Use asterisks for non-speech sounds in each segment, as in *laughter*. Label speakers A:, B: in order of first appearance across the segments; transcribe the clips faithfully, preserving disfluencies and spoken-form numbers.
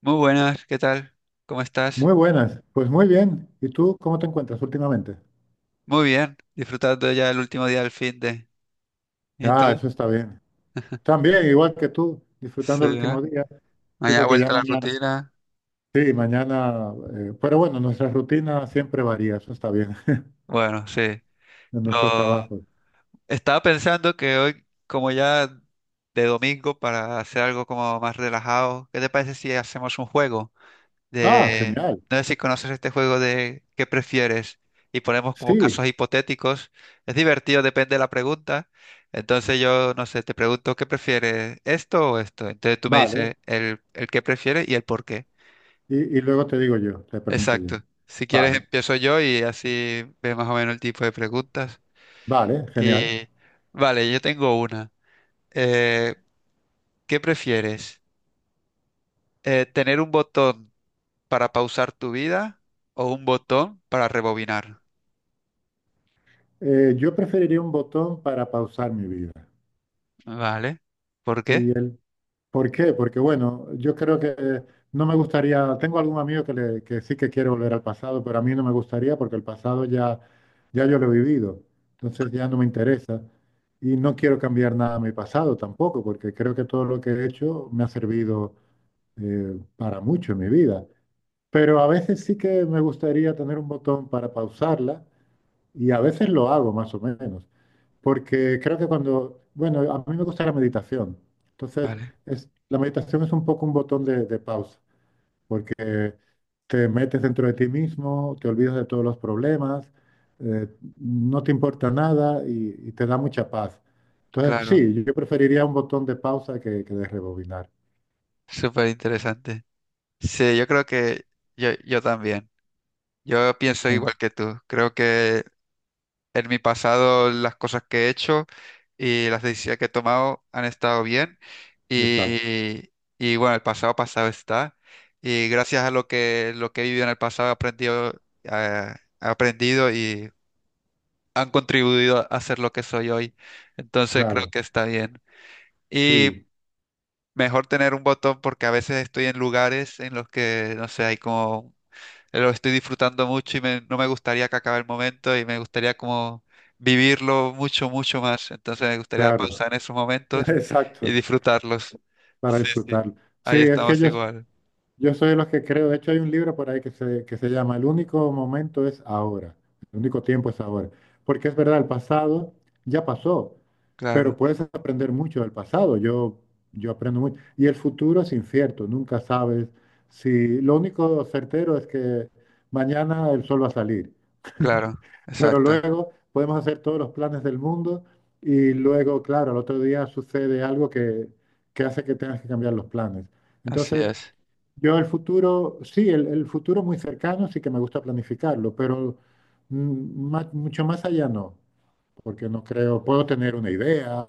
A: Muy buenas, ¿qué tal? ¿Cómo
B: Muy
A: estás?
B: buenas, pues muy bien. ¿Y tú cómo te encuentras últimamente?
A: Muy bien, disfrutando ya el último día del fin de... ¿Y
B: Ah,
A: tú?
B: eso está bien. También, igual que tú, disfrutando el
A: Sí, ¿no?
B: último día. Sí,
A: Mañana
B: porque ya
A: vuelta a la
B: mañana.
A: rutina.
B: Sí, mañana. Eh, pero bueno, nuestra rutina siempre varía, eso está bien, *laughs*
A: Bueno, sí.
B: en nuestros
A: Yo
B: trabajos.
A: estaba pensando que hoy, como ya de domingo, para hacer algo como más relajado, ¿qué te parece si hacemos un juego?
B: Ah,
A: de,
B: genial.
A: no sé si conoces este juego de qué prefieres y ponemos como
B: Sí,
A: casos hipotéticos. Es divertido, depende de la pregunta. Entonces yo, no sé, te pregunto qué prefieres, esto o esto. Entonces tú me
B: vale.
A: dices el, el qué prefieres y el por qué.
B: Y, y luego te digo yo, te pregunto yo.
A: Exacto. Si quieres
B: Vale,
A: empiezo yo y así ves más o menos el tipo de preguntas.
B: vale,
A: Y
B: genial.
A: vale, yo tengo una. Eh, ¿Qué prefieres? Eh, ¿tener un botón para pausar tu vida o un botón para rebobinar?
B: Eh, yo preferiría un botón para pausar mi vida.
A: Vale. ¿Por qué?
B: Y el ¿Por qué? Porque bueno, yo creo que no me gustaría, tengo algún amigo que, le- que sí que quiere volver al pasado, pero a mí no me gustaría porque el pasado ya, ya yo lo he vivido, entonces ya no me interesa y no quiero cambiar nada a mi pasado tampoco, porque creo que todo lo que he hecho me ha servido eh, para mucho en mi vida. Pero a veces sí que me gustaría tener un botón para pausarla y a veces lo hago más o menos. Porque creo que cuando, bueno, a mí me gusta la meditación. Entonces,
A: Vale,
B: es, la meditación es un poco un botón de, de pausa, porque te metes dentro de ti mismo, te olvidas de todos los problemas, eh, no te importa nada y, y te da mucha paz. Entonces,
A: claro.
B: sí, yo preferiría un botón de pausa que, que de rebobinar.
A: Súper interesante. Sí, yo creo que yo, yo también. Yo pienso igual que
B: *laughs*
A: tú. Creo que en mi pasado las cosas que he hecho y las decisiones que he tomado han estado bien.
B: Exacto,
A: Y, y bueno, el pasado pasado está. Y gracias a lo que, lo que he vivido en el pasado he aprendido, eh, he aprendido y han contribuido a ser lo que soy hoy. Entonces creo
B: claro,
A: que está bien. Y
B: sí,
A: Mejor tener un botón porque a veces estoy en lugares en los que, no sé, hay como, lo estoy disfrutando mucho y me- no me gustaría que acabe el momento y me gustaría como vivirlo mucho, mucho más. Entonces me gustaría
B: claro,
A: pausar en esos momentos
B: *laughs*
A: y
B: exacto,
A: disfrutarlos.
B: para
A: Sí, sí,
B: disfrutar. Sí,
A: ahí
B: es que
A: estamos
B: ellos
A: igual.
B: yo soy de los que creo, de hecho hay un libro por ahí que se, que se llama El único momento es ahora, el único tiempo es ahora. Porque es verdad, el pasado ya pasó, pero
A: Claro,
B: puedes aprender mucho del pasado, yo, yo aprendo mucho. Y el futuro es incierto, nunca sabes si... Lo único certero es que mañana el sol va a salir,
A: claro,
B: pero
A: exacto.
B: luego podemos hacer todos los planes del mundo y luego, claro, al otro día sucede algo que, que hace que tengas que cambiar los planes.
A: Así
B: Entonces...
A: es,
B: Yo el futuro, sí, el, el futuro muy cercano sí que me gusta planificarlo, pero mm, ma- mucho más allá no, porque no creo, puedo tener una idea,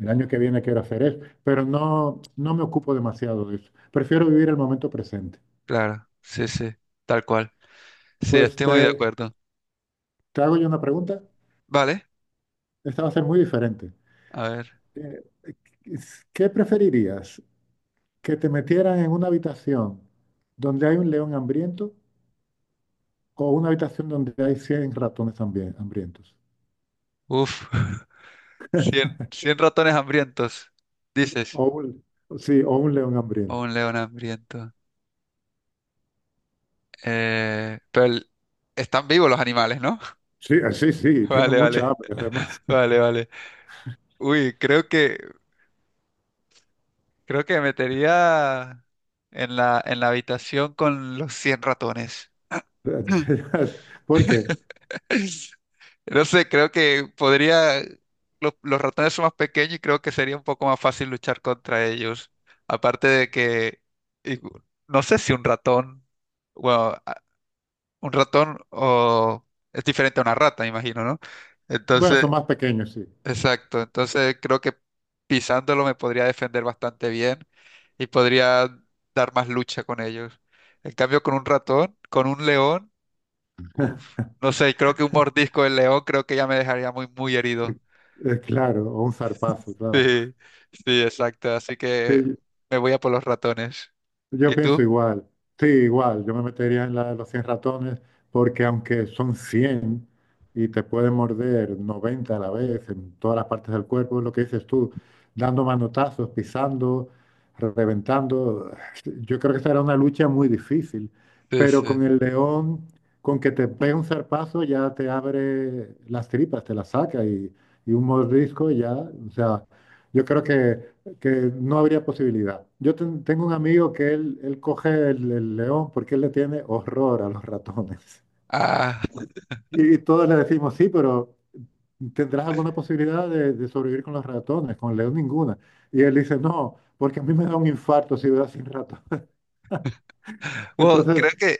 B: el año que viene quiero hacer eso, pero no, no me ocupo demasiado de eso. Prefiero vivir el momento presente.
A: claro, sí, sí, tal cual. Sí,
B: Pues
A: estoy muy de
B: te,
A: acuerdo.
B: te hago yo una pregunta,
A: Vale,
B: esta va a ser muy diferente.
A: a ver,
B: Eh, ¿Qué preferirías? ¿Que te metieran en una habitación donde hay un león hambriento o una habitación donde hay cien ratones hambri- hambrientos?
A: uf, *laughs* cien cien ratones hambrientos, dices.
B: O un, sí, o un león
A: O
B: hambriento.
A: un león hambriento. Eh, pero el- están vivos los animales, ¿no? *laughs*
B: Sí, sí, sí, tienen
A: Vale,
B: mucha
A: vale.
B: hambre además.
A: *laughs* Vale, vale. Uy, creo que creo que me metería en la en la habitación con los cien ratones. *laughs*
B: *laughs* Porque,
A: No sé, creo que podría lo- los ratones son más pequeños y creo que sería un poco más fácil luchar contra ellos. Aparte de que y- no sé si un ratón, bueno, un ratón o es diferente a una rata, me imagino, ¿no?
B: bueno,
A: Entonces,
B: son más pequeños, sí.
A: exacto. Entonces creo que pisándolo me podría defender bastante bien y podría dar más lucha con ellos. En cambio, con un ratón, con un león, uf, no sé, creo que un mordisco del león creo que ya me dejaría muy, muy herido. *laughs*
B: Eh, Claro, o un zarpazo, claro.
A: Sí, sí, exacto. Así que
B: Sí,
A: me voy a por los ratones.
B: yo
A: ¿Y tú?
B: pienso igual, sí, igual, yo me metería en la de los cien ratones porque aunque son cien y te pueden morder noventa a la vez en todas las partes del cuerpo, lo que dices tú, dando manotazos, pisando, reventando, yo creo que será una lucha muy difícil,
A: Sí,
B: pero
A: sí.
B: con el león, con que te pegue un zarpazo ya te abre las tripas, te las saca y, y un mordisco ya, o sea, yo creo que que no habría posibilidad. Yo ten- tengo un amigo que él, él coge el, el león porque él le tiene horror a los ratones. *laughs*
A: Ah,
B: Y, y todos le decimos, sí, pero ¿tendrás alguna posibilidad de, de sobrevivir con los ratones? Con el león ninguna. Y él dice, no, porque a mí me da un infarto si veo sin ratones. *laughs*
A: *laughs* bueno,
B: Entonces,
A: creo que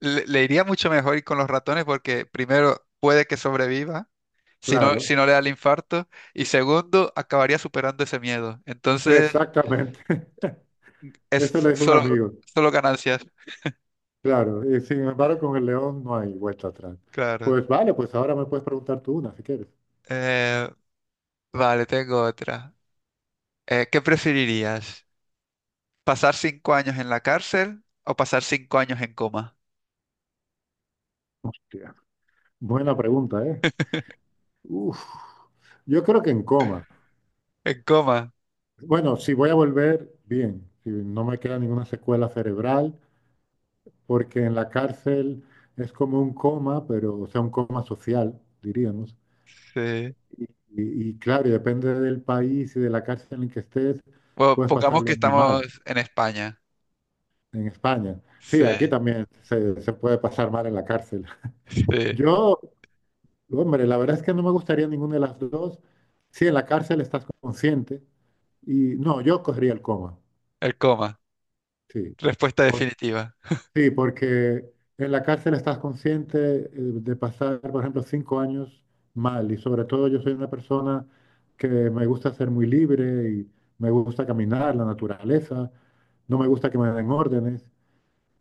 A: le, le iría mucho mejor ir con los ratones porque primero puede que sobreviva, si no, si
B: claro,
A: no le da el infarto, y segundo, acabaría superando ese miedo. Entonces,
B: exactamente. *laughs* Eso
A: es
B: le dijo un
A: solo,
B: amigo.
A: solo ganancias.
B: Claro, y sin embargo con el león no hay vuelta atrás.
A: Claro.
B: Pues vale, pues ahora me puedes preguntar tú una si quieres.
A: Eh, vale, tengo otra. Eh, ¿qué preferirías? ¿Pasar cinco años en la cárcel o pasar cinco años en coma?
B: Hostia, buena pregunta, ¿eh? Uf. Yo creo que en coma.
A: En coma,
B: Bueno, si voy a volver, bien, si no me queda ninguna secuela cerebral, porque en la cárcel es como un coma, pero, o sea, un coma social, diríamos.
A: sí.
B: Y, y- claro, y depende del país y de la cárcel en que estés,
A: Bueno,
B: puedes
A: pongamos que
B: pasarlo muy
A: estamos
B: mal
A: en España.
B: en España. Sí,
A: Sí,
B: aquí también se, se puede pasar mal en la cárcel.
A: sí.
B: *laughs* Yo, hombre, la verdad es que no me gustaría ninguna de las dos. Sí, en la cárcel estás consciente y no, yo cogería el coma,
A: El coma.
B: sí.
A: Respuesta definitiva.
B: Sí, porque en la cárcel estás consciente eh, de pasar, por ejemplo, cinco años mal. Y sobre todo yo soy una persona que me gusta ser muy libre y me gusta caminar, la naturaleza, no me gusta que me den órdenes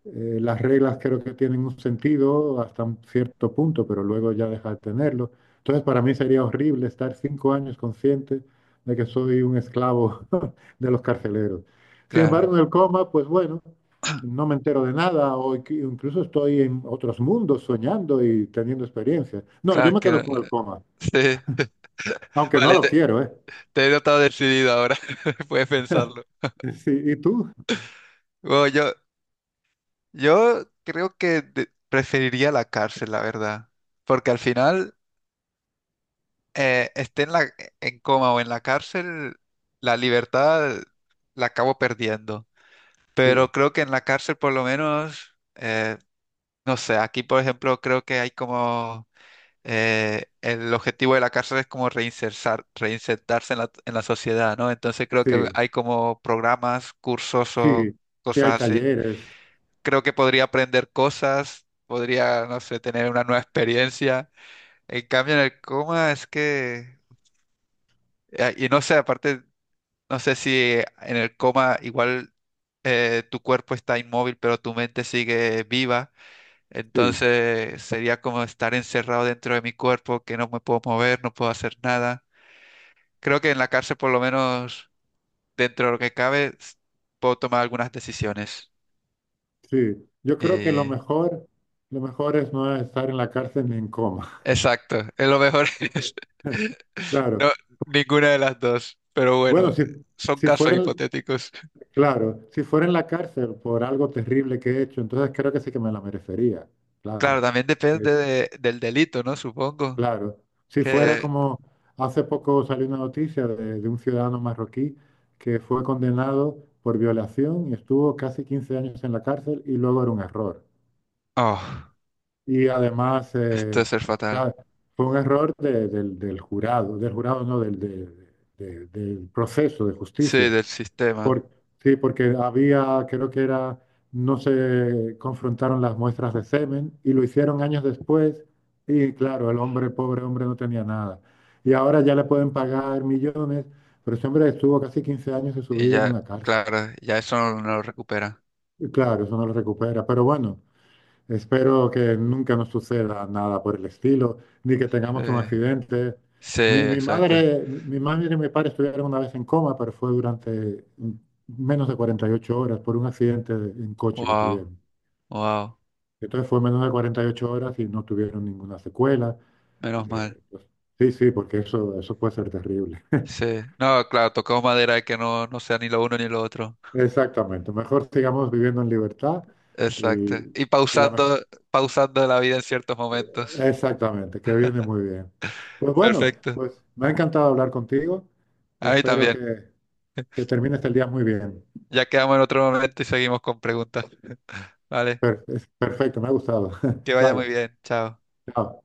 B: eh, las reglas creo que tienen un sentido hasta un cierto punto, pero luego ya deja de tenerlo. Entonces, para mí sería horrible estar cinco años consciente de que soy un esclavo *laughs* de los carceleros. Sin
A: Claro,
B: embargo, en el coma, pues bueno, no me entero de nada o inc- incluso estoy en otros mundos soñando y teniendo experiencias. No,
A: claro,
B: yo
A: es
B: me quedo
A: que
B: con el coma,
A: sí. *laughs*
B: aunque no
A: Vale,
B: lo
A: te,
B: quiero, ¿eh?
A: te he notado decidido ahora. *laughs* Puedes pensarlo.
B: *laughs* Sí, ¿y tú?
A: Bueno, yo, yo creo que de- preferiría la cárcel, la verdad. Porque al final, eh, esté en la, en coma o en la cárcel, la libertad la acabo perdiendo.
B: Sí,
A: Pero creo que en la cárcel, por lo menos, eh, no sé, aquí, por ejemplo, creo que hay como eh, el objetivo de la cárcel es como reinsertar, reinsertarse en la, en la sociedad, ¿no? Entonces creo que
B: sí,
A: hay como programas, cursos o
B: sí, sí hay
A: cosas así.
B: talleres,
A: Creo que podría aprender cosas, podría, no sé, tener una nueva experiencia. En cambio, en el coma es que, eh, y no sé, aparte, no sé si en el coma igual eh, tu cuerpo está inmóvil, pero tu mente sigue viva.
B: sí.
A: Entonces sería como estar encerrado dentro de mi cuerpo, que no me puedo mover, no puedo hacer nada. Creo que en la cárcel, por lo menos dentro de lo que cabe, s- puedo tomar algunas decisiones.
B: Sí, yo creo que lo
A: Y...
B: mejor, lo mejor es no estar en la cárcel ni en coma.
A: Exacto, es lo mejor. *laughs*
B: *laughs* Claro.
A: No, ninguna de las dos, pero bueno,
B: Bueno, si,
A: son
B: si
A: casos
B: fuera, en-
A: hipotéticos.
B: claro, si fuera en la cárcel por algo terrible que he hecho, entonces creo que sí que me la merecería.
A: Claro,
B: Claro.
A: también
B: Eh,
A: depende de- del delito, ¿no? Supongo
B: Claro. Si fuera
A: que...
B: como hace poco salió una noticia de, de un ciudadano marroquí que fue condenado por violación y estuvo casi quince años en la cárcel y luego era un error.
A: Oh,
B: Y además,
A: esto
B: eh,
A: es ser
B: o
A: fatal.
B: fue un error de- del, del jurado, del, jurado no, del, de- de- del proceso de
A: Sí,
B: justicia.
A: del sistema.
B: Por, sí, porque había, creo que era, no se confrontaron las muestras de semen y lo hicieron años después y claro, el hombre, pobre hombre, no tenía nada. Y ahora ya le pueden pagar millones, pero ese hombre estuvo casi quince años de su
A: Y
B: vida en
A: ya,
B: una cárcel.
A: claro, ya eso no, no lo recupera.
B: Y claro, eso no lo recupera, pero bueno. Espero que nunca nos suceda nada por el estilo, ni que tengamos un
A: Sí,
B: accidente.
A: sí,
B: Mi, mi
A: exacto.
B: madre, mi madre y mi padre estuvieron una vez en coma, pero fue durante menos de cuarenta y ocho horas por un accidente en coche que
A: Wow,
B: tuvieron.
A: wow,
B: Entonces fue menos de cuarenta y ocho horas y no tuvieron ninguna secuela.
A: menos mal.
B: Eh, pues, sí, sí, porque eso, eso puede ser terrible.
A: Sí,
B: *laughs*
A: no, claro, tocamos madera que no, no sea ni lo uno ni lo otro.
B: Exactamente. Mejor sigamos viviendo en libertad
A: Exacto.
B: y,
A: Y
B: y la mejor.
A: pausando, pausando la vida en ciertos momentos.
B: Exactamente, que viene muy bien. Pues bueno,
A: Perfecto.
B: pues me ha encantado hablar contigo.
A: A mí
B: Espero
A: también.
B: que, que termines el día muy bien.
A: Ya quedamos en otro momento y seguimos con preguntas. Vale,
B: Per- es perfecto, me ha gustado.
A: que
B: *laughs*
A: vaya
B: Vale,
A: muy bien. Chao.
B: chao.